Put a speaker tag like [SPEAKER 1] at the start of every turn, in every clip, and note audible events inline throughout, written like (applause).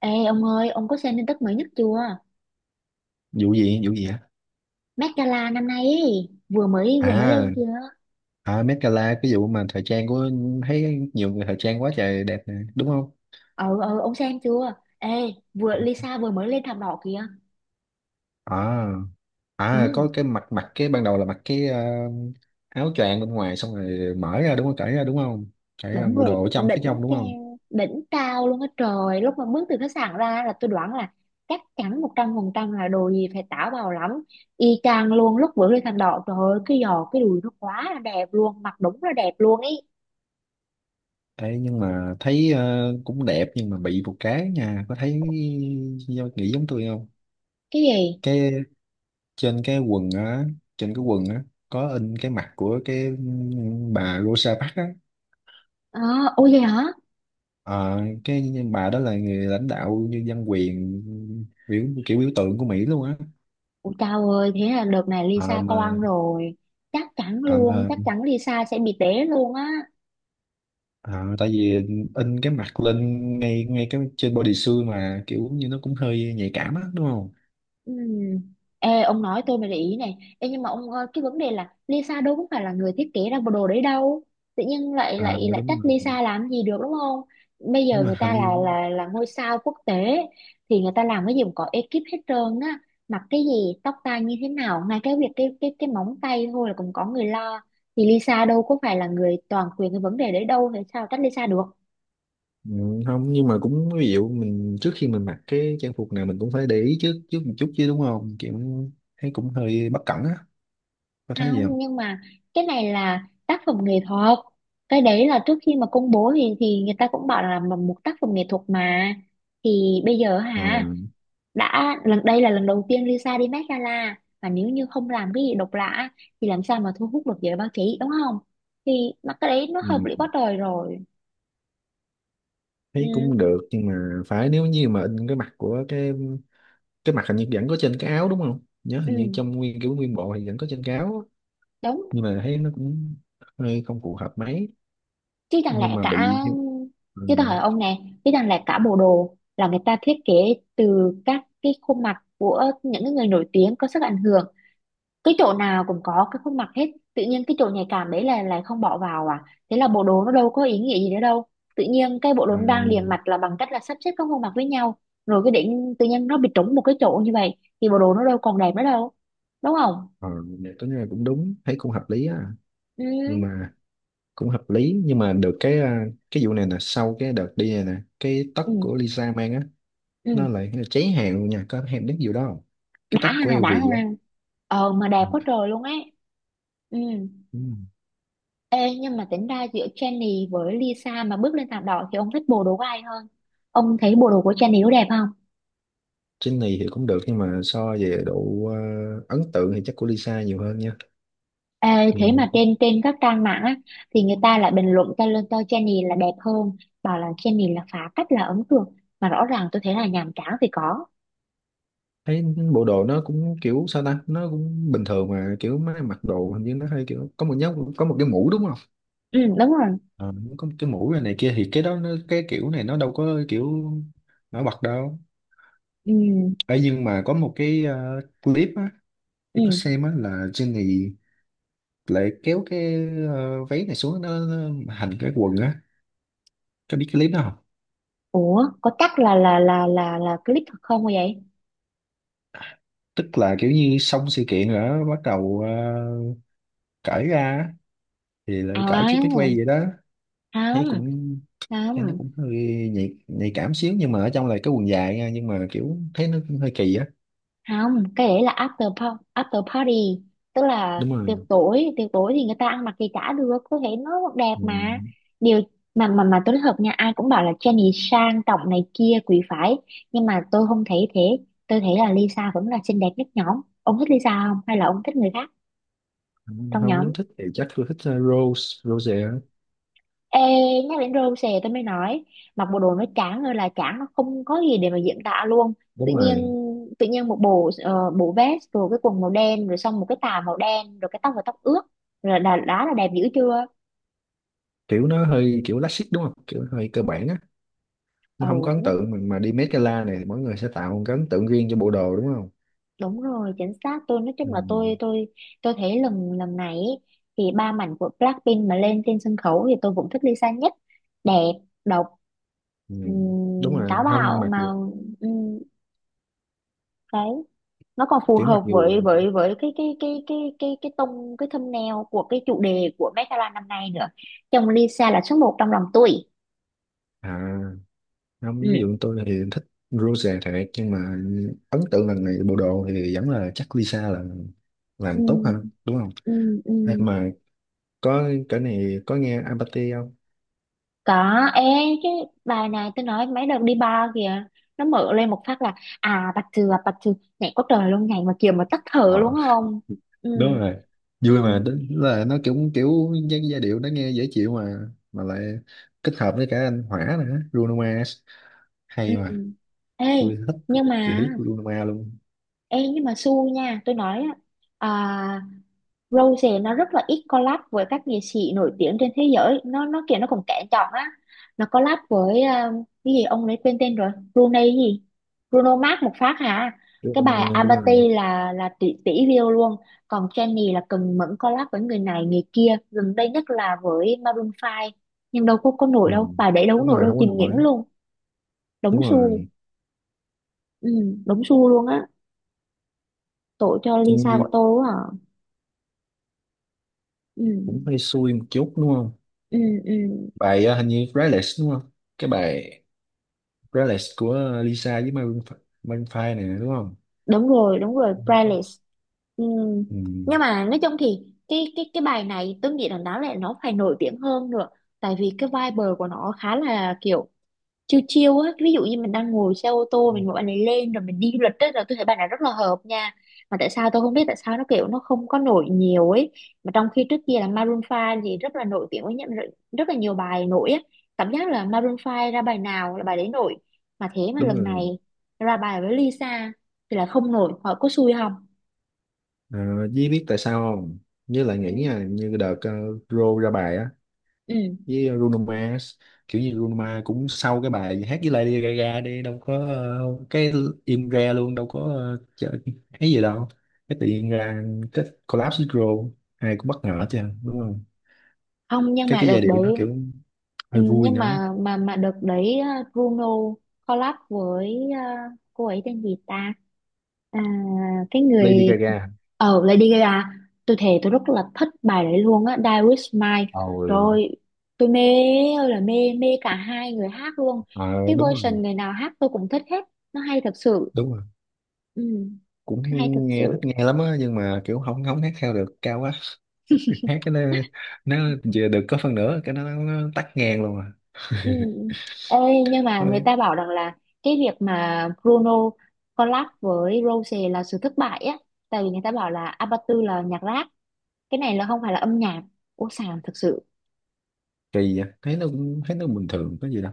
[SPEAKER 1] Ê ông ơi, ông có xem tin tức mới nhất chưa?
[SPEAKER 2] Vụ gì á?
[SPEAKER 1] Met Gala năm nay ấy, vừa mới
[SPEAKER 2] à
[SPEAKER 1] lên kìa.
[SPEAKER 2] à Met Gala, cái vụ mà thời trang của thấy nhiều người thời trang quá trời đẹp nè đúng không?
[SPEAKER 1] Ờ, ông xem chưa? Ê, Lisa vừa mới lên thảm đỏ kìa.
[SPEAKER 2] À à
[SPEAKER 1] Ừ,
[SPEAKER 2] có cái mặt mặt cái ban đầu là mặc cái áo choàng bên ngoài, xong rồi mở ra đúng không, cởi ra đúng không, cởi ra
[SPEAKER 1] đúng
[SPEAKER 2] bộ
[SPEAKER 1] rồi,
[SPEAKER 2] đồ ở trong phía trong đúng không?
[SPEAKER 1] đỉnh cao luôn á trời. Lúc mà bước từ khách sạn ra là tôi đoán là chắc chắn 100% là đồ gì phải táo bạo lắm. Y chang luôn lúc vừa lên thảm đỏ, trời ơi, cái giò, cái đùi nó quá là đẹp luôn, mặc đúng là đẹp luôn ấy.
[SPEAKER 2] Ê, nhưng mà thấy cũng đẹp nhưng mà bị một cái nha, có thấy nghĩ giống tôi không?
[SPEAKER 1] Cái gì?
[SPEAKER 2] Cái trên cái quần á trên cái quần á, có in cái mặt của cái bà Rosa Parks á.
[SPEAKER 1] Ờ, ôi vậy hả?
[SPEAKER 2] Ờ, cái bà đó là người lãnh đạo như dân quyền, biểu tượng của Mỹ luôn á.
[SPEAKER 1] Ủa chao ơi, thế là đợt này
[SPEAKER 2] Ờ,
[SPEAKER 1] Lisa toang
[SPEAKER 2] mà
[SPEAKER 1] rồi. Chắc chắn
[SPEAKER 2] ờ,
[SPEAKER 1] luôn,
[SPEAKER 2] mà
[SPEAKER 1] chắc chắn Lisa sẽ bị té luôn á.
[SPEAKER 2] ờ, tại vì in cái mặt lên ngay ngay cái trên body suit mà kiểu như nó cũng hơi nhạy cảm á đúng không?
[SPEAKER 1] Ừm. Ê, ông nói tôi mới để ý này. Ê, nhưng mà ông ơi, cái vấn đề là Lisa đâu có phải là người thiết kế ra bộ đồ đấy đâu. Tự nhiên lại
[SPEAKER 2] Ờ,
[SPEAKER 1] lại lại trách
[SPEAKER 2] đúng rồi,
[SPEAKER 1] Lisa làm gì được đúng không? Bây giờ
[SPEAKER 2] đúng rồi
[SPEAKER 1] người
[SPEAKER 2] hình
[SPEAKER 1] ta là
[SPEAKER 2] như.
[SPEAKER 1] là là ngôi sao quốc tế thì người ta làm cái gì cũng có ekip hết trơn á. Mặc cái gì, tóc tai như thế nào, ngay cái việc cái móng tay thôi là cũng có người lo. Thì Lisa đâu có phải là người toàn quyền cái vấn đề đấy đâu, thì sao trách Lisa được?
[SPEAKER 2] Ừ, không nhưng mà cũng ví dụ mình trước khi mình mặc cái trang phục nào mình cũng phải để ý trước trước một chút chứ đúng không, kiểu thấy cũng hơi bất cẩn á, có thấy gì
[SPEAKER 1] Không
[SPEAKER 2] không?
[SPEAKER 1] nhưng mà cái này là tác phẩm nghệ thuật, cái đấy là trước khi mà công bố thì người ta cũng bảo là mà một tác phẩm nghệ thuật mà. Thì bây giờ
[SPEAKER 2] Ờ,
[SPEAKER 1] hả, đã lần đây là lần đầu tiên Lisa đi Met Gala, và nếu như không làm cái gì độc lạ thì làm sao mà thu hút được giới báo chí, đúng không? Thì mà cái đấy nó hợp lý
[SPEAKER 2] ừ,
[SPEAKER 1] quá trời rồi. Ừ,
[SPEAKER 2] thấy cũng được nhưng mà phải nếu như mà in cái mặt của cái mặt hình như vẫn có trên cái áo đúng không, nhớ hình như
[SPEAKER 1] ừ,
[SPEAKER 2] trong nguyên kiểu nguyên bộ thì vẫn có trên cái áo á.
[SPEAKER 1] đúng.
[SPEAKER 2] Nhưng mà thấy nó cũng hơi không phù hợp mấy.
[SPEAKER 1] Chứ chẳng
[SPEAKER 2] Nhưng
[SPEAKER 1] lẽ
[SPEAKER 2] mà
[SPEAKER 1] cả
[SPEAKER 2] bị, ừ,
[SPEAKER 1] Chứ tôi hỏi ông nè, chứ chẳng lẽ cả bộ đồ là người ta thiết kế từ các cái khuôn mặt của những cái người nổi tiếng có sức ảnh hưởng, cái chỗ nào cũng có cái khuôn mặt hết, tự nhiên cái chỗ nhạy cảm đấy là lại không bỏ vào à? Thế là bộ đồ nó đâu có ý nghĩa gì nữa đâu. Tự nhiên cái bộ đồ
[SPEAKER 2] à,
[SPEAKER 1] nó đang liền mạch là bằng cách là sắp xếp các khuôn mặt với nhau, rồi cái đỉnh tự nhiên nó bị trúng một cái chỗ như vậy thì bộ đồ nó đâu còn đẹp nữa đâu, đúng không?
[SPEAKER 2] ờ, vậy có là cũng đúng, thấy cũng hợp lý á. Nhưng
[SPEAKER 1] Ừ,
[SPEAKER 2] mà cũng hợp lý nhưng mà được cái à, cái vụ này nè, sau cái đợt đi này nè cái tất
[SPEAKER 1] ừ,
[SPEAKER 2] của Lisa mang á,
[SPEAKER 1] ừ,
[SPEAKER 2] nó lại cháy hàng luôn nha, có em biết vụ đó không? Cái
[SPEAKER 1] đã
[SPEAKER 2] tất
[SPEAKER 1] ha,
[SPEAKER 2] của
[SPEAKER 1] đã
[SPEAKER 2] LV
[SPEAKER 1] ha.
[SPEAKER 2] á.
[SPEAKER 1] Ờ mà đẹp
[SPEAKER 2] Ừ.
[SPEAKER 1] quá trời luôn ấy. Ừ.
[SPEAKER 2] Ừ.
[SPEAKER 1] Ê, nhưng mà tính ra giữa Jennie với Lisa mà bước lên thảm đỏ thì ông thích bộ đồ của ai hơn? Ông thấy bộ đồ của Jennie có đẹp không?
[SPEAKER 2] Trên này thì cũng được nhưng mà so về độ ấn tượng thì chắc của Lisa nhiều hơn nha.
[SPEAKER 1] Ê,
[SPEAKER 2] Ừ.
[SPEAKER 1] thế mà trên trên các trang mạng á, thì người ta lại bình luận cho lên cho Jennie là đẹp hơn, bảo là Jennie là phá cách là ấn tượng, mà rõ ràng tôi thấy là nhàm chán thì có.
[SPEAKER 2] Thấy bộ đồ nó cũng kiểu sao ta, nó cũng bình thường mà kiểu mấy mặc đồ hình như nó hơi kiểu có một nhóm có một cái mũ đúng không?
[SPEAKER 1] Ừ, đúng rồi.
[SPEAKER 2] Ờ, có một cái mũ này, này kia thì cái đó nó cái kiểu này nó đâu có kiểu nổi bật đâu.
[SPEAKER 1] Ừ,
[SPEAKER 2] Ấy nhưng mà có một cái clip á, tôi có
[SPEAKER 1] ừ.
[SPEAKER 2] xem á là Jenny lại kéo cái váy này xuống, nó hành cái quần á, có biết cái clip đó không?
[SPEAKER 1] Ủa, có chắc là clip thật không vậy?
[SPEAKER 2] Tức là kiểu như xong sự kiện rồi đó bắt đầu cởi ra á, thì lại cởi chiếc mép
[SPEAKER 1] À,
[SPEAKER 2] quay vậy đó. Thấy
[SPEAKER 1] không,
[SPEAKER 2] cũng thấy nó
[SPEAKER 1] không.
[SPEAKER 2] cũng hơi nhạy cảm xíu nhưng mà ở trong là cái quần dài nha, nhưng mà kiểu thấy nó cũng hơi kỳ á.
[SPEAKER 1] Không, cái đấy là after party, tức là
[SPEAKER 2] Đúng rồi.
[SPEAKER 1] tiệc tối thì người ta ăn mặc gì chả được, có thể nó đẹp
[SPEAKER 2] Ừ.
[SPEAKER 1] mà. Điều mà tôi nói thật nha, ai cũng bảo là Jennie sang trọng này kia quý phái, nhưng mà tôi không thấy thế. Tôi thấy là Lisa vẫn là xinh đẹp nhất nhóm. Ông thích Lisa không hay là ông thích người khác trong
[SPEAKER 2] Không, nếu
[SPEAKER 1] nhóm?
[SPEAKER 2] thích thì chắc tôi thích Rose Rose á.
[SPEAKER 1] Ê, nhắc đến râu xè tôi mới nói, mặc bộ đồ nó chán ơi là chán, nó không có gì để mà diễn tả luôn. tự
[SPEAKER 2] Đúng
[SPEAKER 1] nhiên
[SPEAKER 2] rồi,
[SPEAKER 1] Tự nhiên một bộ bộ vest rồi cái quần màu đen rồi xong một cái tà màu đen rồi cái tóc và tóc ướt rồi, đã là đẹp dữ chưa?
[SPEAKER 2] kiểu nó hơi kiểu classic đúng không, kiểu hơi cơ bản á. Nó
[SPEAKER 1] Ừ,
[SPEAKER 2] không có ấn
[SPEAKER 1] nó,
[SPEAKER 2] tượng mà đi Met Gala này mỗi người sẽ tạo một cái ấn tượng riêng cho bộ đồ đúng không?
[SPEAKER 1] đúng rồi chính xác. Tôi nói
[SPEAKER 2] Ừ.
[SPEAKER 1] chung là
[SPEAKER 2] Ừ.
[SPEAKER 1] tôi thấy lần lần này ý, thì ba mảnh của Blackpink mà lên trên sân khấu thì tôi vẫn thích Lisa nhất. Đẹp, độc,
[SPEAKER 2] Ừ. Đúng rồi,
[SPEAKER 1] táo
[SPEAKER 2] không
[SPEAKER 1] bạo
[SPEAKER 2] mặc
[SPEAKER 1] mà.
[SPEAKER 2] dù
[SPEAKER 1] Ừm, cái Nó còn phù
[SPEAKER 2] kiểu mặc
[SPEAKER 1] hợp với
[SPEAKER 2] dù,
[SPEAKER 1] cái tông, cái thumbnail của cái chủ đề của Met Gala năm nay nữa. Chồng Lisa là số một trong lòng tôi.
[SPEAKER 2] à, không
[SPEAKER 1] Ừ.
[SPEAKER 2] ví dụ tôi thì thích Rose thiệt, nhưng mà ấn tượng lần này bộ đồ thì vẫn là chắc Lisa là
[SPEAKER 1] Ừ.
[SPEAKER 2] làm tốt hơn đúng không?
[SPEAKER 1] Ừ. Ừ.
[SPEAKER 2] Hay mà, có cái này có nghe Apathy không?
[SPEAKER 1] Có. Ê, chứ bài này tôi nói mấy đợt đi bar kìa, nó mở lên một phát là à bạch thừa bạch thừa, nhảy có trời luôn, nhảy mà kiểu mà tắt thở
[SPEAKER 2] Ờ,
[SPEAKER 1] luôn không. Ừ.
[SPEAKER 2] đúng rồi. Vui mà
[SPEAKER 1] Ừ.
[SPEAKER 2] đến là nó cũng kiểu giai điệu nó nghe dễ chịu mà lại kết hợp với cả anh Hỏa nữa, Bruno Mars,
[SPEAKER 1] Ừ.
[SPEAKER 2] hay mà.
[SPEAKER 1] Ê
[SPEAKER 2] Tôi thích
[SPEAKER 1] nhưng
[SPEAKER 2] chị
[SPEAKER 1] mà
[SPEAKER 2] thích Bruno Mars luôn.
[SPEAKER 1] Ê nhưng mà xui nha, tôi nói á, à, Rose nó rất là ít collab với các nghệ sĩ nổi tiếng trên thế giới, nó kiểu nó cũng kén chọn á. Nó collab với ờ, cái gì ông ấy quên tên rồi, Brunei cái gì, Bruno Mars một phát hả. Cái
[SPEAKER 2] Bruno
[SPEAKER 1] bài
[SPEAKER 2] Mars, đúng rồi.
[SPEAKER 1] Abati là tỷ tỷ view luôn. Còn Jennie là cần mẫn collab với người này người kia, gần đây nhất là với Maroon 5, nhưng đâu có nổi
[SPEAKER 2] Ừ.
[SPEAKER 1] đâu, bài đấy đâu có
[SPEAKER 2] Đúng
[SPEAKER 1] nổi
[SPEAKER 2] rồi,
[SPEAKER 1] đâu,
[SPEAKER 2] không có
[SPEAKER 1] chìm nghỉm
[SPEAKER 2] nổi.
[SPEAKER 1] luôn. Đống
[SPEAKER 2] Đúng
[SPEAKER 1] xu,
[SPEAKER 2] rồi.
[SPEAKER 1] ừ, đống xu luôn á, tội cho
[SPEAKER 2] Chân
[SPEAKER 1] Lisa
[SPEAKER 2] Nhi
[SPEAKER 1] của tôi quá à. Ừ,
[SPEAKER 2] cũng hơi xui một chút đúng không?
[SPEAKER 1] ừ, ừ.
[SPEAKER 2] Bài hình như Relics đúng không? Cái bài Relics của Lisa với Maroon Maroon 5 nè đúng không?
[SPEAKER 1] Đúng rồi đúng rồi playlist. Ừ.
[SPEAKER 2] Ừ.
[SPEAKER 1] Nhưng mà nói chung thì cái bài này tôi nghĩ là nó phải nổi tiếng hơn nữa, tại vì cái vibe của nó khá là kiểu chiêu chiêu á. Ví dụ như mình đang ngồi xe ô tô, mình gọi bạn này lên rồi mình đi du lịch á, là tôi thấy bạn này rất là hợp nha. Mà tại sao tôi không biết tại sao nó kiểu nó không có nổi nhiều ấy, mà trong khi trước kia là Maroon Five thì rất là nổi tiếng với nhận rất rất là nhiều bài nổi á. Cảm giác là Maroon Five ra bài nào là bài đấy nổi, mà thế mà
[SPEAKER 2] Đúng
[SPEAKER 1] lần
[SPEAKER 2] rồi.
[SPEAKER 1] này ra bài với Lisa thì là không nổi, họ có xui không?
[SPEAKER 2] Ờ, Dí biết tại sao không? Với lại
[SPEAKER 1] Ừ.
[SPEAKER 2] nghĩ nha, như đợt Ro ra bài á
[SPEAKER 1] Ừ.
[SPEAKER 2] với Bruno Mars, kiểu như Bruno Mars cũng sau cái bài hát với Lady Gaga đi đâu có cái im re luôn, đâu có chợ, cái gì đâu, cái tự nhiên ra cái collab với Ro ai cũng bất ngờ chứ đúng không?
[SPEAKER 1] Không nhưng
[SPEAKER 2] cái
[SPEAKER 1] mà
[SPEAKER 2] cái
[SPEAKER 1] đợt
[SPEAKER 2] giai điệu nó
[SPEAKER 1] đấy,
[SPEAKER 2] kiểu
[SPEAKER 1] ừ,
[SPEAKER 2] hơi vui
[SPEAKER 1] nhưng
[SPEAKER 2] nữa.
[SPEAKER 1] mà đợt đấy Bruno collab với cô ấy tên gì ta. À, cái
[SPEAKER 2] Lady
[SPEAKER 1] người
[SPEAKER 2] Gaga,
[SPEAKER 1] ờ Lady Gaga, tôi thề tôi rất là thích bài đấy luôn á, Die With Mine.
[SPEAKER 2] rồi
[SPEAKER 1] Rồi, tôi mê ơi là mê, mê cả hai người hát luôn.
[SPEAKER 2] ờ,
[SPEAKER 1] Cái
[SPEAKER 2] đúng rồi,
[SPEAKER 1] version người nào hát tôi cũng thích hết. Nó hay thật sự.
[SPEAKER 2] đúng rồi,
[SPEAKER 1] Ừ,
[SPEAKER 2] cũng hay
[SPEAKER 1] nó hay thật
[SPEAKER 2] nghe thích
[SPEAKER 1] sự.
[SPEAKER 2] nghe lắm á, nhưng mà kiểu không không hát theo được, cao quá, hát cái nó giờ được có phần nữa cái nó tắt ngang luôn à.
[SPEAKER 1] Ừ. Ê, nhưng mà người
[SPEAKER 2] Thôi,
[SPEAKER 1] ta bảo rằng là cái việc mà Bruno collab với Rose là sự thất bại á, tại vì người ta bảo là Abatu là nhạc rap, cái này là không phải là âm nhạc, ô sàng thật sự.
[SPEAKER 2] kỳ vậy, thấy nó cũng thấy nó bình thường có gì đâu,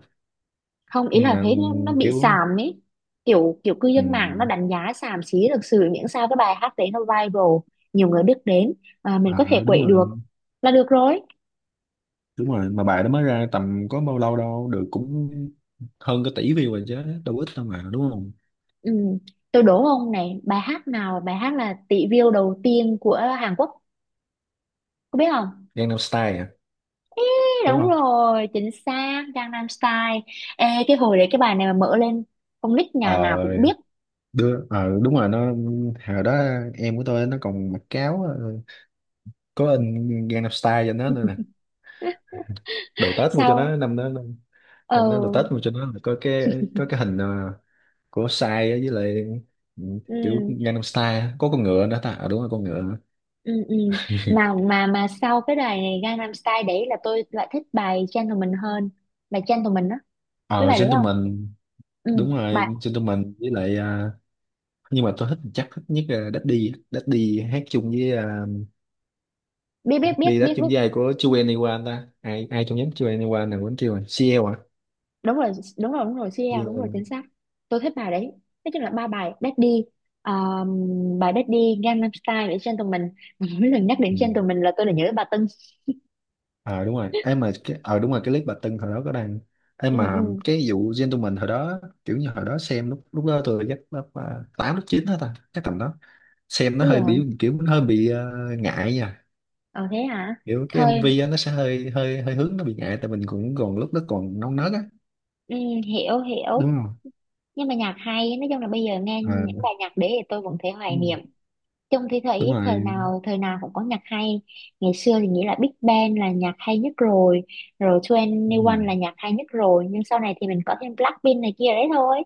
[SPEAKER 1] Không ý
[SPEAKER 2] nhưng
[SPEAKER 1] là
[SPEAKER 2] mà
[SPEAKER 1] thấy nó bị
[SPEAKER 2] kiểu
[SPEAKER 1] xàm ấy, kiểu kiểu cư dân mạng nó
[SPEAKER 2] ừm,
[SPEAKER 1] đánh giá xàm xí thực sự, miễn sao cái bài hát đấy nó viral, nhiều người biết đến, à, mình có thể
[SPEAKER 2] à đúng
[SPEAKER 1] quậy được
[SPEAKER 2] rồi,
[SPEAKER 1] là được rồi.
[SPEAKER 2] đúng rồi mà bài đó mới ra tầm có bao lâu đâu, được cũng hơn cái tỷ view rồi chứ, đâu ít đâu mà đúng không?
[SPEAKER 1] Ừ. Tôi đố ông này, bài hát nào là bài hát là tỷ view đầu tiên của Hàn Quốc, có biết không?
[SPEAKER 2] Gangnam Style à?
[SPEAKER 1] Ê,
[SPEAKER 2] Đúng
[SPEAKER 1] đúng
[SPEAKER 2] không?
[SPEAKER 1] rồi chính xác, Gangnam Style. Ê, cái hồi đấy cái bài này mà mở lên, con nít nhà
[SPEAKER 2] Ờ
[SPEAKER 1] nào cũng biết.
[SPEAKER 2] đưa ờ đúng rồi, nó hồi đó em của tôi nó còn mặc cáo có in Gangnam Style cho nó nữa nè,
[SPEAKER 1] (laughs)
[SPEAKER 2] đồ Tết mua cho
[SPEAKER 1] Sao,
[SPEAKER 2] nó năm đó.
[SPEAKER 1] ờ,
[SPEAKER 2] Năm đó đồ Tết mà cho nó là có cái, có cái hình của sai á, với lại, ừ, kiểu
[SPEAKER 1] ừ.
[SPEAKER 2] Gangnam Style á. Có con ngựa nữa ta, à, đúng rồi con ngựa (laughs) nữa.
[SPEAKER 1] Ừ, ừ, mà sau cái bài này Gangnam Style đấy là tôi lại thích bài Gentleman hơn. Bài Gentleman đó, biết
[SPEAKER 2] Ờ
[SPEAKER 1] bài đấy không?
[SPEAKER 2] Gentleman,
[SPEAKER 1] Ừ,
[SPEAKER 2] đúng rồi
[SPEAKER 1] bài
[SPEAKER 2] Gentleman với lại à, nhưng mà tôi thích chắc thích nhất là Daddy á. Daddy hát chung với à,
[SPEAKER 1] biết biết biết
[SPEAKER 2] đi hát
[SPEAKER 1] biết
[SPEAKER 2] chung
[SPEAKER 1] biết
[SPEAKER 2] với ai của 2NE1 ta, ai ai trong nhóm 2NE1 nào quên, chưa rồi CL à.
[SPEAKER 1] đúng rồi, đúng rồi CL, đúng
[SPEAKER 2] CL.
[SPEAKER 1] rồi chính xác. Tôi thích bài đấy. Nói chung là ba bài Daddy, bài Daddy, Gangnam Style và Gentleman. (laughs) Mà mỗi lần nhắc đến Gentleman là tôi lại nhớ bà Tưng.
[SPEAKER 2] Ờ đúng rồi em mà cái ờ đúng rồi cái clip bà Tưng hồi đó có đăng,
[SPEAKER 1] Ừ,
[SPEAKER 2] em
[SPEAKER 1] ừ.
[SPEAKER 2] mà cái vụ gentleman hồi đó kiểu như hồi đó xem lúc lúc đó tôi chắc lớp à, tám lớp chín đó ta, chắc tầm đó xem nó
[SPEAKER 1] Ủa vậy
[SPEAKER 2] hơi
[SPEAKER 1] hả,
[SPEAKER 2] bị kiểu nó hơi bị ngại nha,
[SPEAKER 1] ờ thế hả.
[SPEAKER 2] kiểu cái
[SPEAKER 1] Thôi,
[SPEAKER 2] MV á, nó sẽ hơi hơi hơi hướng, nó bị ngại tại mình cũng còn lúc đó còn non nớt á
[SPEAKER 1] ừ, hiểu hiểu.
[SPEAKER 2] đúng không?
[SPEAKER 1] Nhưng mà nhạc hay, nói chung là bây giờ nghe
[SPEAKER 2] À,
[SPEAKER 1] những bài nhạc đấy thì tôi vẫn thấy hoài
[SPEAKER 2] ừ,
[SPEAKER 1] niệm. Chung thì
[SPEAKER 2] đúng
[SPEAKER 1] thấy thời
[SPEAKER 2] rồi,
[SPEAKER 1] nào thời nào cũng có nhạc hay. Ngày xưa thì nghĩ là Big Bang là nhạc hay nhất rồi, rồi
[SPEAKER 2] đúng
[SPEAKER 1] 21
[SPEAKER 2] rồi.
[SPEAKER 1] là nhạc hay nhất rồi, nhưng sau này thì mình có thêm Blackpink này kia đấy thôi.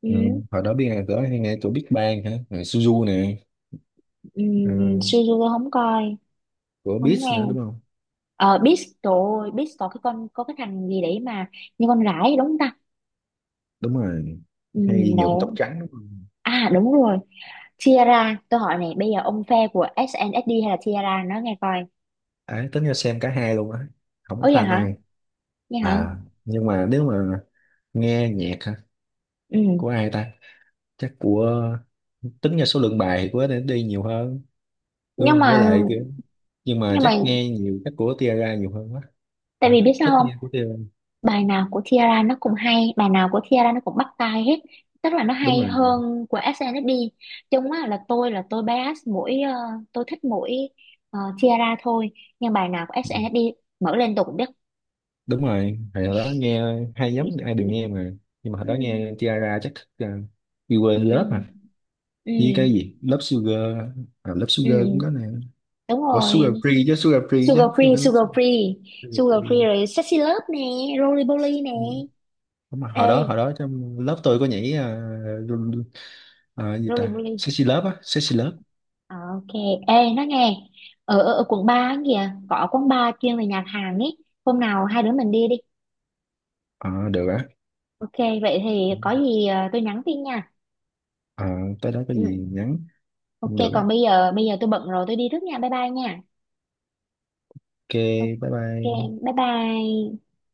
[SPEAKER 1] Ừ,
[SPEAKER 2] Ừ, hồi đó biết ai có hay nghe của Big Bang hả? Rồi Suzu nè,
[SPEAKER 1] ừ,
[SPEAKER 2] ừ,
[SPEAKER 1] Suzu không coi,
[SPEAKER 2] của
[SPEAKER 1] không
[SPEAKER 2] Beats nữa
[SPEAKER 1] nghe.
[SPEAKER 2] đúng không?
[SPEAKER 1] Ờ Beast, trời ơi Beast có cái con có cái thằng gì đấy mà như con gái ấy, đúng không ta?
[SPEAKER 2] Đúng rồi,
[SPEAKER 1] Ừ,
[SPEAKER 2] hay nhuộm tóc
[SPEAKER 1] đấy,
[SPEAKER 2] trắng đúng.
[SPEAKER 1] à đúng rồi, Tiara. Tôi hỏi này, bây giờ ông phe của SNSD hay là Tiara, nó nghe coi.
[SPEAKER 2] Đấy, tính ra xem cả hai luôn á, không có
[SPEAKER 1] Ôi vậy
[SPEAKER 2] pha
[SPEAKER 1] hả,
[SPEAKER 2] này.
[SPEAKER 1] nghe hả.
[SPEAKER 2] À nhưng mà nếu mà nghe nhạc hả,
[SPEAKER 1] Ừ.
[SPEAKER 2] của ai ta, chắc của, tính ra số lượng bài thì của để đi nhiều hơn đúng
[SPEAKER 1] nhưng
[SPEAKER 2] không, với
[SPEAKER 1] mà
[SPEAKER 2] lại kiểu nhưng mà
[SPEAKER 1] nhưng mà
[SPEAKER 2] chắc nghe nhiều chắc của Tiara nhiều hơn quá.
[SPEAKER 1] tại
[SPEAKER 2] À,
[SPEAKER 1] vì biết
[SPEAKER 2] thích
[SPEAKER 1] sao
[SPEAKER 2] thích
[SPEAKER 1] không,
[SPEAKER 2] nghe của Tiara,
[SPEAKER 1] bài nào của Tiara nó cũng hay, bài nào của Tiara nó cũng bắt tai hết, tức là nó
[SPEAKER 2] đúng
[SPEAKER 1] hay
[SPEAKER 2] rồi.
[SPEAKER 1] hơn của SNSD. Chung á là tôi bias mỗi ờ, tôi thích mỗi ờ, Tiara thôi. Nhưng bài nào của SNSD mở lên tôi cũng biết.
[SPEAKER 2] Đúng rồi hồi đó nghe hai
[SPEAKER 1] Ừ,
[SPEAKER 2] nhóm ai đều nghe mà, nhưng mà hồi
[SPEAKER 1] ừ,
[SPEAKER 2] đó nghe Tiara chắc thích You Were in
[SPEAKER 1] ừ,
[SPEAKER 2] Love mà, với
[SPEAKER 1] ừ,
[SPEAKER 2] cái gì Love Sugar, à, Love
[SPEAKER 1] ừ.
[SPEAKER 2] Sugar cũng có nè.
[SPEAKER 1] đúng
[SPEAKER 2] Ủa Sugar
[SPEAKER 1] rồi,
[SPEAKER 2] Free chứ, Sugar Free chứ,
[SPEAKER 1] Sugar
[SPEAKER 2] chứ không
[SPEAKER 1] Free,
[SPEAKER 2] phải Love. Sugar
[SPEAKER 1] Sugar Free
[SPEAKER 2] Free.
[SPEAKER 1] rồi, Sexy Love nè, Roly Poly nè.
[SPEAKER 2] Đúng rồi. Hồi
[SPEAKER 1] Ê
[SPEAKER 2] đó hồi đó trong lớp tôi có nhảy à, à, gì ta,
[SPEAKER 1] Roly,
[SPEAKER 2] sexy lớp á, sexy lớp.
[SPEAKER 1] ờ, ok, ê nó nghe ở, quận 3 á kìa có quán bar chuyên về nhạc Hàn ấy, hôm nào hai đứa mình đi đi.
[SPEAKER 2] Ờ, được á.
[SPEAKER 1] Ok, vậy thì có gì ờ, tôi nhắn tin nha.
[SPEAKER 2] Ờ, tới đó có gì
[SPEAKER 1] Ừ,
[SPEAKER 2] nhắn.
[SPEAKER 1] ok,
[SPEAKER 2] Không được á.
[SPEAKER 1] còn bây giờ tôi bận rồi, tôi đi trước nha, bye bye nha.
[SPEAKER 2] Ok. Bye
[SPEAKER 1] Ok,
[SPEAKER 2] bye.
[SPEAKER 1] bye bye.